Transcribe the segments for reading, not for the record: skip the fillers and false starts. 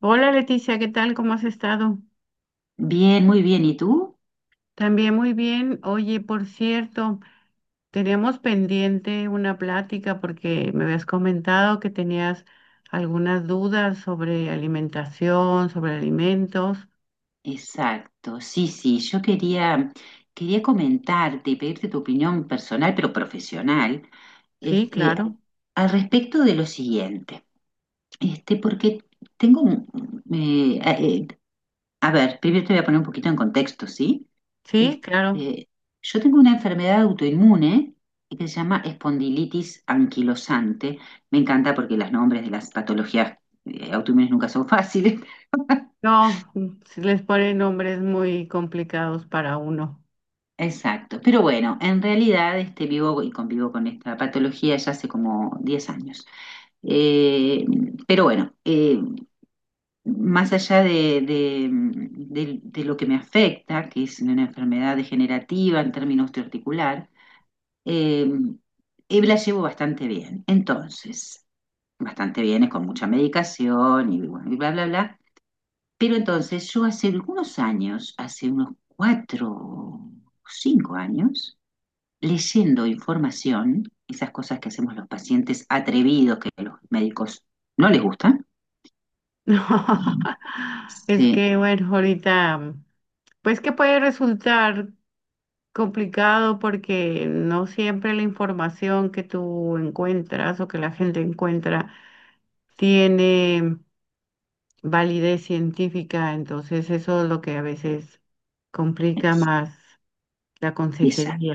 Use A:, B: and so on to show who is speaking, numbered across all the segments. A: Hola Leticia, ¿qué tal? ¿Cómo has estado?
B: Bien, muy bien. ¿Y tú?
A: También muy bien. Oye, por cierto, teníamos pendiente una plática porque me habías comentado que tenías algunas dudas sobre alimentación, sobre alimentos.
B: Exacto, sí, sí, yo quería comentarte, pedirte tu opinión personal, pero profesional,
A: Sí,
B: este,
A: claro.
B: al respecto de lo siguiente, porque tengo un, a ver, primero te voy a poner un poquito en contexto, ¿sí?
A: Sí, claro.
B: Este, yo tengo una enfermedad autoinmune que se llama espondilitis anquilosante. Me encanta porque los nombres de las patologías autoinmunes nunca son fáciles.
A: No, si les ponen nombres muy complicados para uno.
B: Exacto, pero bueno, en realidad vivo y convivo con esta patología ya hace como 10 años. Eh, pero bueno, más allá de, de lo que me afecta, que es una enfermedad degenerativa en términos osteoarticular, eh, la llevo bastante bien. Entonces, bastante bien, es con mucha medicación y, bueno, y bla, bla, bla. Pero entonces yo hace algunos años, hace unos 4 o 5 años, leyendo información, esas cosas que hacemos los pacientes atrevidos que los médicos no les gustan.
A: No,
B: Mm.
A: es
B: Sí,
A: que bueno, ahorita, pues que puede resultar complicado porque no siempre la información que tú encuentras o que la gente encuentra tiene validez científica, entonces eso es lo que a veces complica más la
B: exacto.
A: consejería.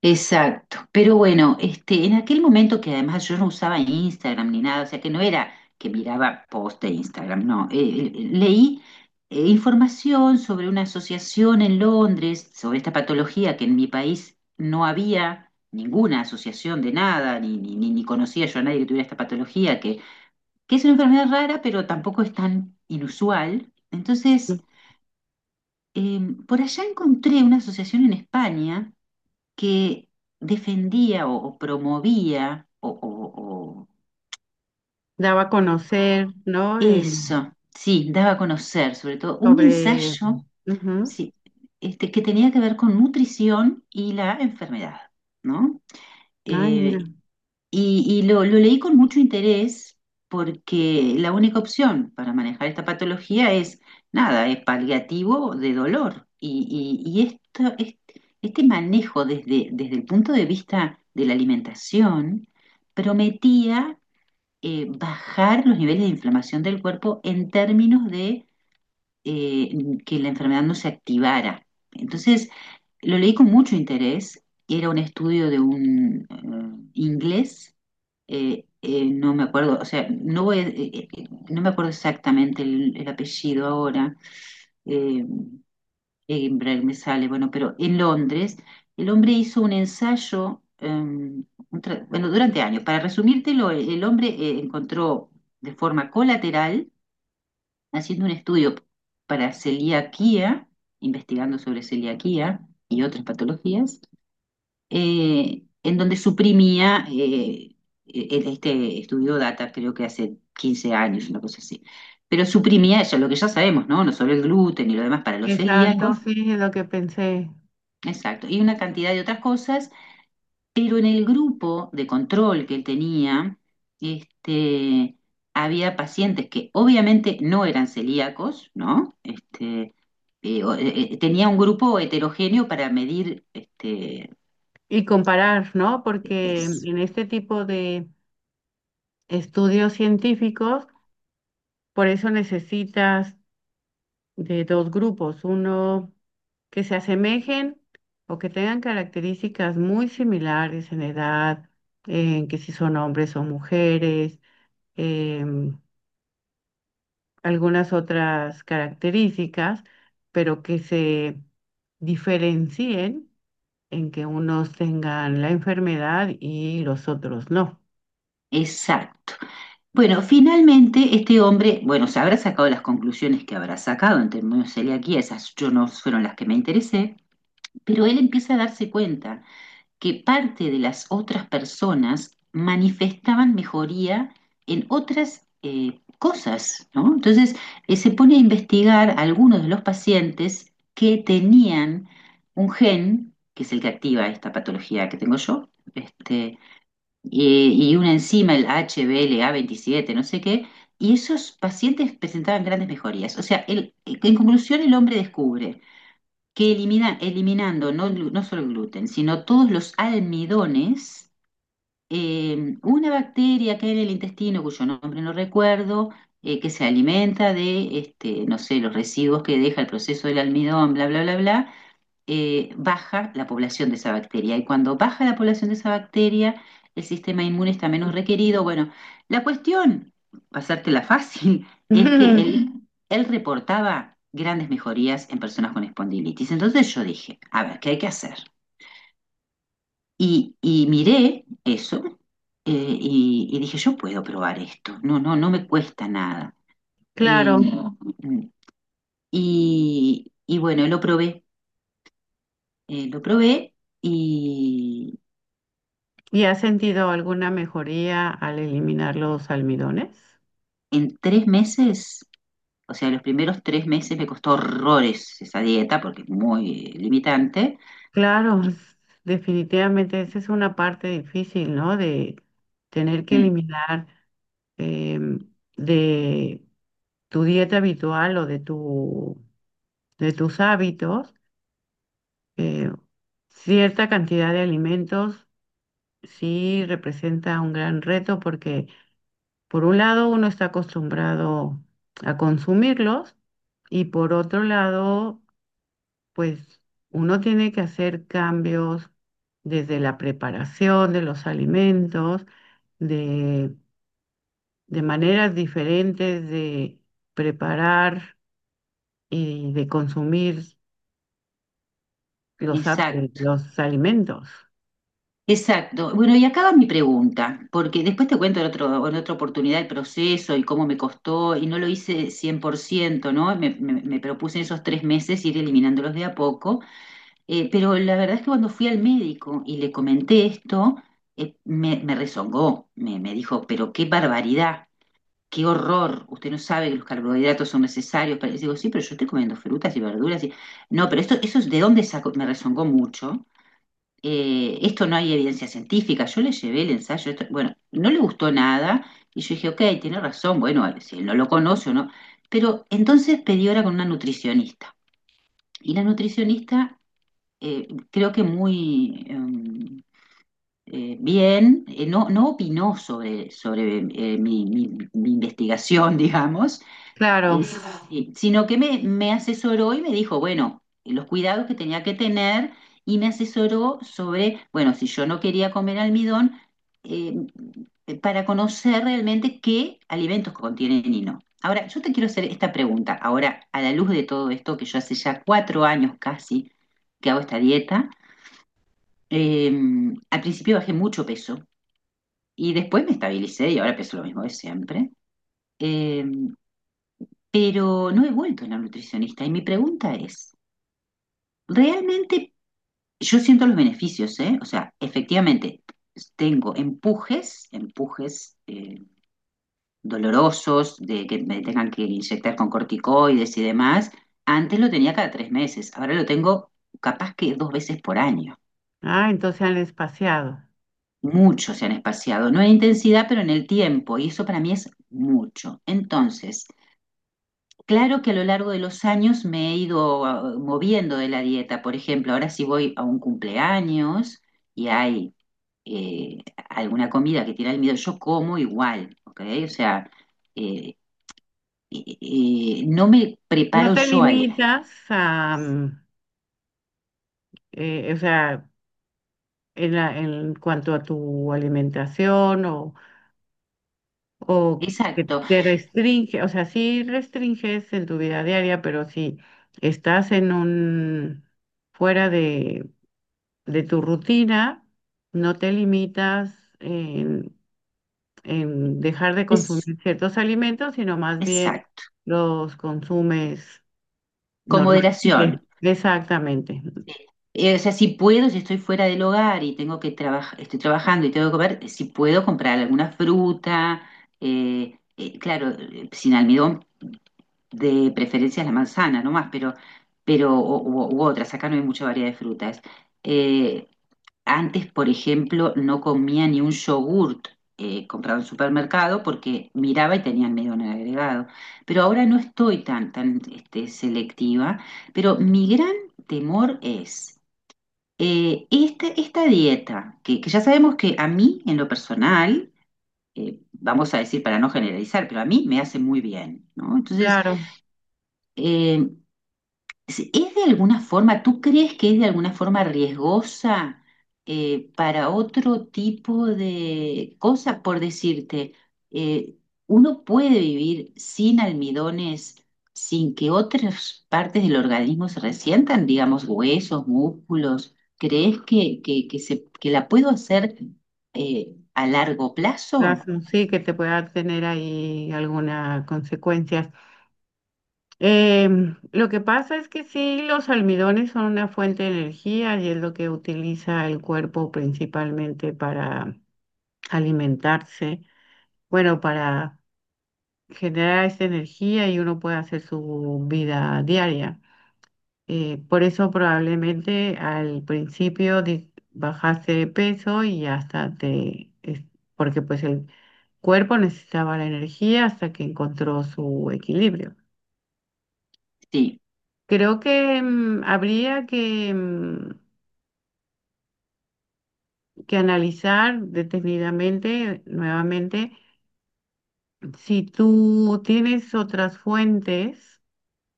B: Exacto. Pero bueno, en aquel momento que además yo no usaba Instagram ni nada, o sea que no era que miraba post de Instagram, no. Leí información sobre una asociación en Londres, sobre esta patología que en mi país no había ninguna asociación de nada, ni conocía yo a nadie que tuviera esta patología, que es una enfermedad rara, pero tampoco es tan inusual. Entonces,
A: ¿No?
B: eh, por allá encontré una asociación en España que defendía o, promovía o-
A: Daba a conocer, ¿no?
B: eso, sí, daba a conocer sobre todo un
A: Sobre...
B: ensayo
A: Ujú.
B: sí, que tenía que ver con nutrición y la enfermedad, ¿no?
A: Ay,
B: Eh,
A: mira.
B: y lo leí con mucho interés porque la única opción para manejar esta patología es nada, es paliativo de dolor. Y este manejo desde el punto de vista de la alimentación prometía bajar los niveles de inflamación del cuerpo en términos que la enfermedad no se activara. Entonces, lo leí con mucho interés. Era un estudio de un inglés, no me acuerdo, o sea, no me acuerdo exactamente el apellido ahora, eh, Edinburgh me sale, bueno, pero en Londres, el hombre hizo un ensayo, bueno, durante años. Para resumírtelo, el hombre encontró de forma colateral haciendo un estudio para celiaquía, investigando sobre celiaquía y otras patologías, en donde suprimía este estudio data, creo que hace 15 años, una cosa así. Pero suprimía eso, lo que ya sabemos, ¿no? No solo el gluten y lo demás para los
A: Exacto,
B: celíacos,
A: sí, es lo que pensé.
B: exacto, y una cantidad de otras cosas, pero en el grupo de control que él tenía, este había pacientes que obviamente no eran celíacos, ¿no? Tenía un grupo heterogéneo para medir
A: Y comparar, ¿no? Porque
B: es-
A: en este tipo de estudios científicos, por eso necesitas de dos grupos, uno que se asemejen o que tengan características muy similares en edad, en que si son hombres o mujeres, em, algunas otras características, pero que se diferencien en que unos tengan la enfermedad y los otros no.
B: exacto. Bueno, finalmente este hombre, bueno, se habrá sacado las conclusiones que habrá sacado en términos de celiaquía, esas yo no fueron las que me interesé, pero él empieza a darse cuenta que parte de las otras personas manifestaban mejoría en otras cosas, ¿no? Entonces, se pone a investigar a algunos de los pacientes que tenían un gen, que es el que activa esta patología que tengo yo, este, y una enzima, el HBLA27, no sé qué, y esos pacientes presentaban grandes mejorías. O sea, en conclusión, el hombre descubre que eliminando no, no solo el gluten, sino todos los almidones, una bacteria que hay en el intestino, cuyo nombre no recuerdo, que se alimenta de, no sé, los residuos que deja el proceso del almidón, bla, bla, bla, bla, baja la población de esa bacteria. Y cuando baja la población de esa bacteria, el sistema inmune está menos requerido. Bueno, la cuestión, pasártela fácil, es que él, él reportaba grandes mejorías en personas con espondilitis. Entonces yo dije, a ver, ¿qué hay que hacer? Y miré eso eh, y, dije, yo puedo probar esto. No, no, no me cuesta nada. Eh,
A: Claro,
B: y bueno, lo probé y,
A: ¿y has sentido alguna mejoría al eliminar los almidones?
B: en 3 meses, o sea, los primeros 3 meses me costó horrores esa dieta porque es muy limitante.
A: Claro, definitivamente esa es una parte difícil, ¿no? De tener que
B: Mm.
A: eliminar, em, de tu dieta habitual de tus hábitos, eh, cierta cantidad de alimentos sí representa un gran reto porque por un lado uno está acostumbrado a consumirlos y por otro lado pues uno tiene que hacer cambios desde la preparación de los alimentos, de, de maneras diferentes de preparar y de consumir
B: Exacto,
A: los alimentos.
B: exacto. Bueno, y acaba mi pregunta, porque después te cuento en otra oportunidad el proceso y cómo me costó, y no lo hice 100%, ¿no? Me propuse en esos 3 meses ir eliminándolos de a poco, pero la verdad es que cuando fui al médico y le comenté esto, me, rezongó, me dijo, pero qué barbaridad. Qué horror, usted no sabe que los carbohidratos son necesarios. Y digo, sí, pero yo estoy comiendo frutas y verduras. No, pero esto, eso es de dónde saco, me rezongó mucho. Esto no hay evidencia científica. Yo le llevé el ensayo, bueno, no le gustó nada. Y yo dije, ok, tiene razón, bueno, si él no lo conoce o no. Pero entonces pedí hora con una nutricionista. Y la nutricionista creo que muy bien, no, no opinó sobre, mi, mi investigación, digamos,
A: Claro,
B: es- sino que me asesoró y me dijo, bueno, los cuidados que tenía que tener y me asesoró sobre, bueno, si yo no quería comer almidón, eh, para conocer realmente qué alimentos contienen y no. Ahora, yo te quiero hacer esta pregunta, ahora, a la luz de todo esto, que yo hace ya 4 años casi que hago esta dieta, eh, al principio bajé mucho peso y después me estabilicé y ahora peso lo mismo de siempre. Em, pero no he vuelto a la nutricionista. Y mi pregunta es, realmente yo siento los beneficios, ¿eh? O sea, efectivamente, tengo empujes, dolorosos de que me tengan que inyectar con corticoides y demás. Antes lo tenía cada 3 meses, ahora lo tengo capaz que dos veces por año.
A: ah, entonces han espaciado.
B: Mucho se han espaciado, no en intensidad, pero en el tiempo, y eso para mí es mucho. Entonces, claro que a lo largo de los años me he ido moviendo de la dieta. Por ejemplo, ahora si voy a un cumpleaños y hay eh, alguna comida que tiene almidón, yo como igual, ¿ok? O sea, eh, no me
A: No
B: preparo
A: te
B: yo.
A: limitas a, o sea, en cuanto a tu alimentación o que
B: Exacto,
A: te restringe, o sea, sí restringes en tu vida diaria, pero si estás en un fuera de tu rutina, no te limitas en dejar de
B: es,
A: consumir ciertos alimentos, sino más bien
B: exacto,
A: los consumes
B: con moderación.
A: normalmente. Exactamente.
B: O sea, si puedo, si estoy fuera del hogar y tengo que trabajar, estoy trabajando y tengo que comer, si puedo comprar alguna fruta, claro, sin almidón de preferencia la manzana nomás, pero, pero u otras, acá no hay mucha variedad de frutas. Eh, Antes, por ejemplo, no comía ni un yogurt comprado en supermercado porque miraba y tenían medio en el agregado. Pero ahora no estoy tan, selectiva, pero mi gran temor es esta dieta, que ya sabemos que a mí, en lo personal, vamos a decir para no generalizar, pero a mí me hace muy bien, ¿no? Entonces,
A: Claro,
B: eh, ¿es de alguna forma, tú crees que es de alguna forma riesgosa para otro tipo de cosas? Por decirte, eh, uno puede vivir sin almidones, sin que otras partes del organismo se resientan, digamos, huesos, músculos. ¿Crees que la puedo hacer a largo plazo?
A: razón, sí que te pueda tener ahí alguna consecuencia. Lo que pasa es que sí, los almidones son una fuente de energía y es lo que utiliza el cuerpo principalmente para alimentarse, bueno, para generar esa energía y uno puede hacer su vida diaria. Por eso probablemente al principio bajaste de peso y hasta porque pues el cuerpo necesitaba la energía hasta que encontró su equilibrio.
B: Sí.
A: Creo que, habría que analizar detenidamente nuevamente si tú tienes otras fuentes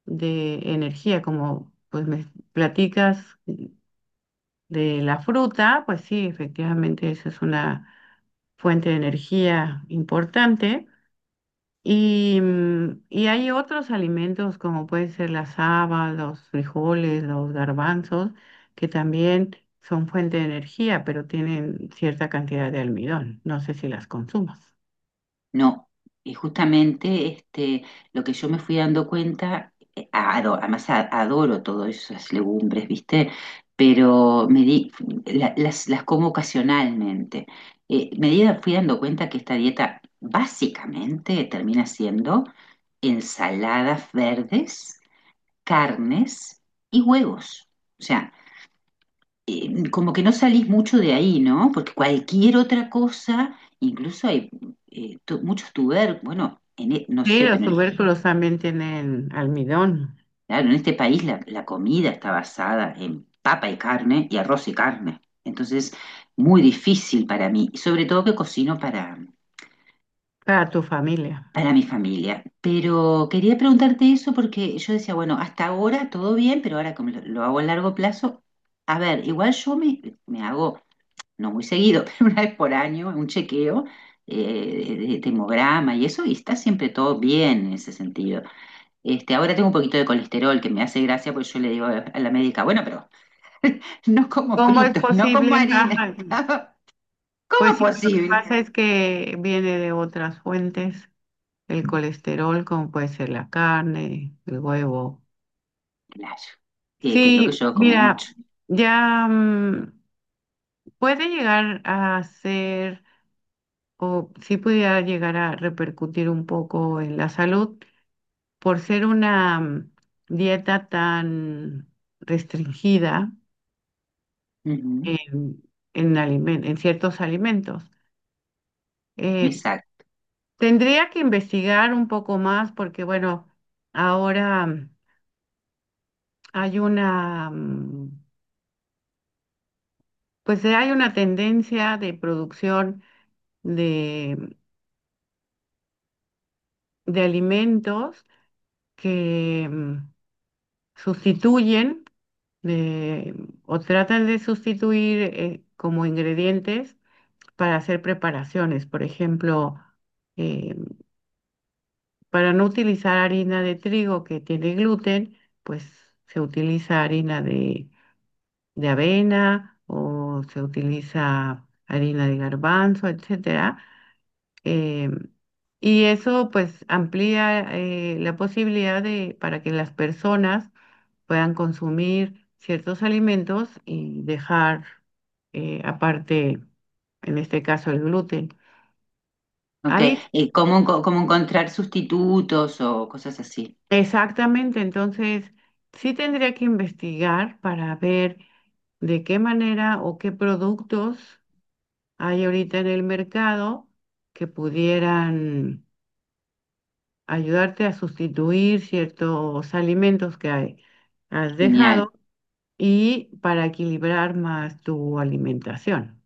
A: de energía, como pues me platicas de la fruta, pues sí, efectivamente esa es una fuente de energía importante. Y, y hay otros alimentos como puede ser las habas, los frijoles, los garbanzos, que también son fuente de energía, pero tienen cierta cantidad de almidón. No sé si las consumas.
B: No, y justamente lo que yo me fui dando cuenta, además adoro todas esas legumbres, ¿viste? Pero me di, la- las como ocasionalmente. Fui dando cuenta que esta dieta básicamente termina siendo ensaladas verdes, carnes y huevos. O sea, como que no salís mucho de ahí, ¿no? Porque cualquier otra cosa, incluso hay muchos tubérculos. Bueno, no
A: Sí,
B: sé,
A: los
B: pero
A: tubérculos también tienen almidón
B: claro, en este país la, comida está basada en papa y carne y arroz y carne. Entonces, muy difícil para mí, y sobre todo que cocino para,
A: para tu familia.
B: mi familia. Pero quería preguntarte eso porque yo decía, bueno, hasta ahora todo bien, pero ahora como lo, hago a largo plazo, a ver, igual yo me, hago no muy seguido, pero una vez por año, un chequeo de hemograma y eso, y está siempre todo bien en ese sentido. Ahora tengo un poquito de colesterol que me hace gracia, pues yo le digo a la médica, bueno, pero no como
A: ¿Cómo es
B: fritos, no como
A: posible?
B: harina.
A: Ajá.
B: ¿Cómo
A: Pues
B: es
A: sí, lo que
B: posible?
A: pasa es que viene de otras fuentes, el colesterol, como puede ser la carne, el huevo.
B: Claro, que es lo
A: Sí,
B: que yo como
A: mira,
B: mucho.
A: ya, puede llegar a ser, o sí pudiera llegar a repercutir un poco en la salud por ser una, dieta tan restringida
B: Ujú,
A: en, en ciertos alimentos. Eh,
B: exacto.
A: Tendría que investigar un poco más porque, bueno, ahora, hay pues hay una tendencia de producción de alimentos que, sustituyen de- o tratan de sustituir, como ingredientes para hacer preparaciones. Por ejemplo, eh, para no utilizar harina de trigo que tiene gluten, pues se utiliza harina de avena o se utiliza harina de garbanzo, etcétera. Em, y eso pues amplía, la posibilidad de para que las personas puedan consumir ciertos alimentos y dejar, aparte, en este caso, el gluten.
B: Ok,
A: Ahí, sí,
B: ¿cómo encontrar sustitutos o cosas así?
A: exactamente, entonces sí tendría que investigar para ver de qué manera o qué productos hay ahorita en el mercado que pudieran ayudarte a sustituir ciertos alimentos que has
B: Genial.
A: dejado y para equilibrar más tu alimentación.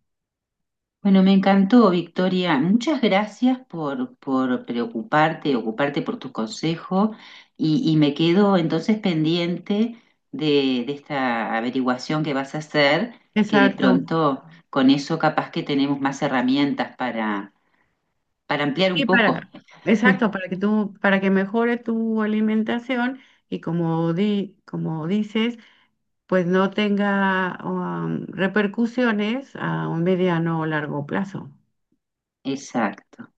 B: Bueno, me encantó, Victoria. Muchas gracias por preocuparte, ocuparte por tu consejo y me quedo entonces pendiente de, esta averiguación que vas a hacer, que de
A: Exacto.
B: pronto con eso capaz que tenemos más herramientas para, ampliar
A: Y
B: un poco.
A: para, exacto, para que tú, para que mejore tu alimentación y como di, como dices, pues no tenga, repercusiones a un mediano o largo plazo.
B: Exacto.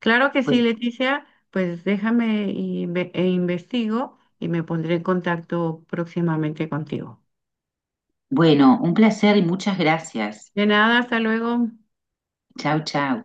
A: Claro que sí,
B: Bueno,
A: Leticia, pues déjame y e investigo y me pondré en contacto próximamente contigo.
B: bueno, un placer y muchas gracias.
A: De nada, hasta luego.
B: Chau, chau.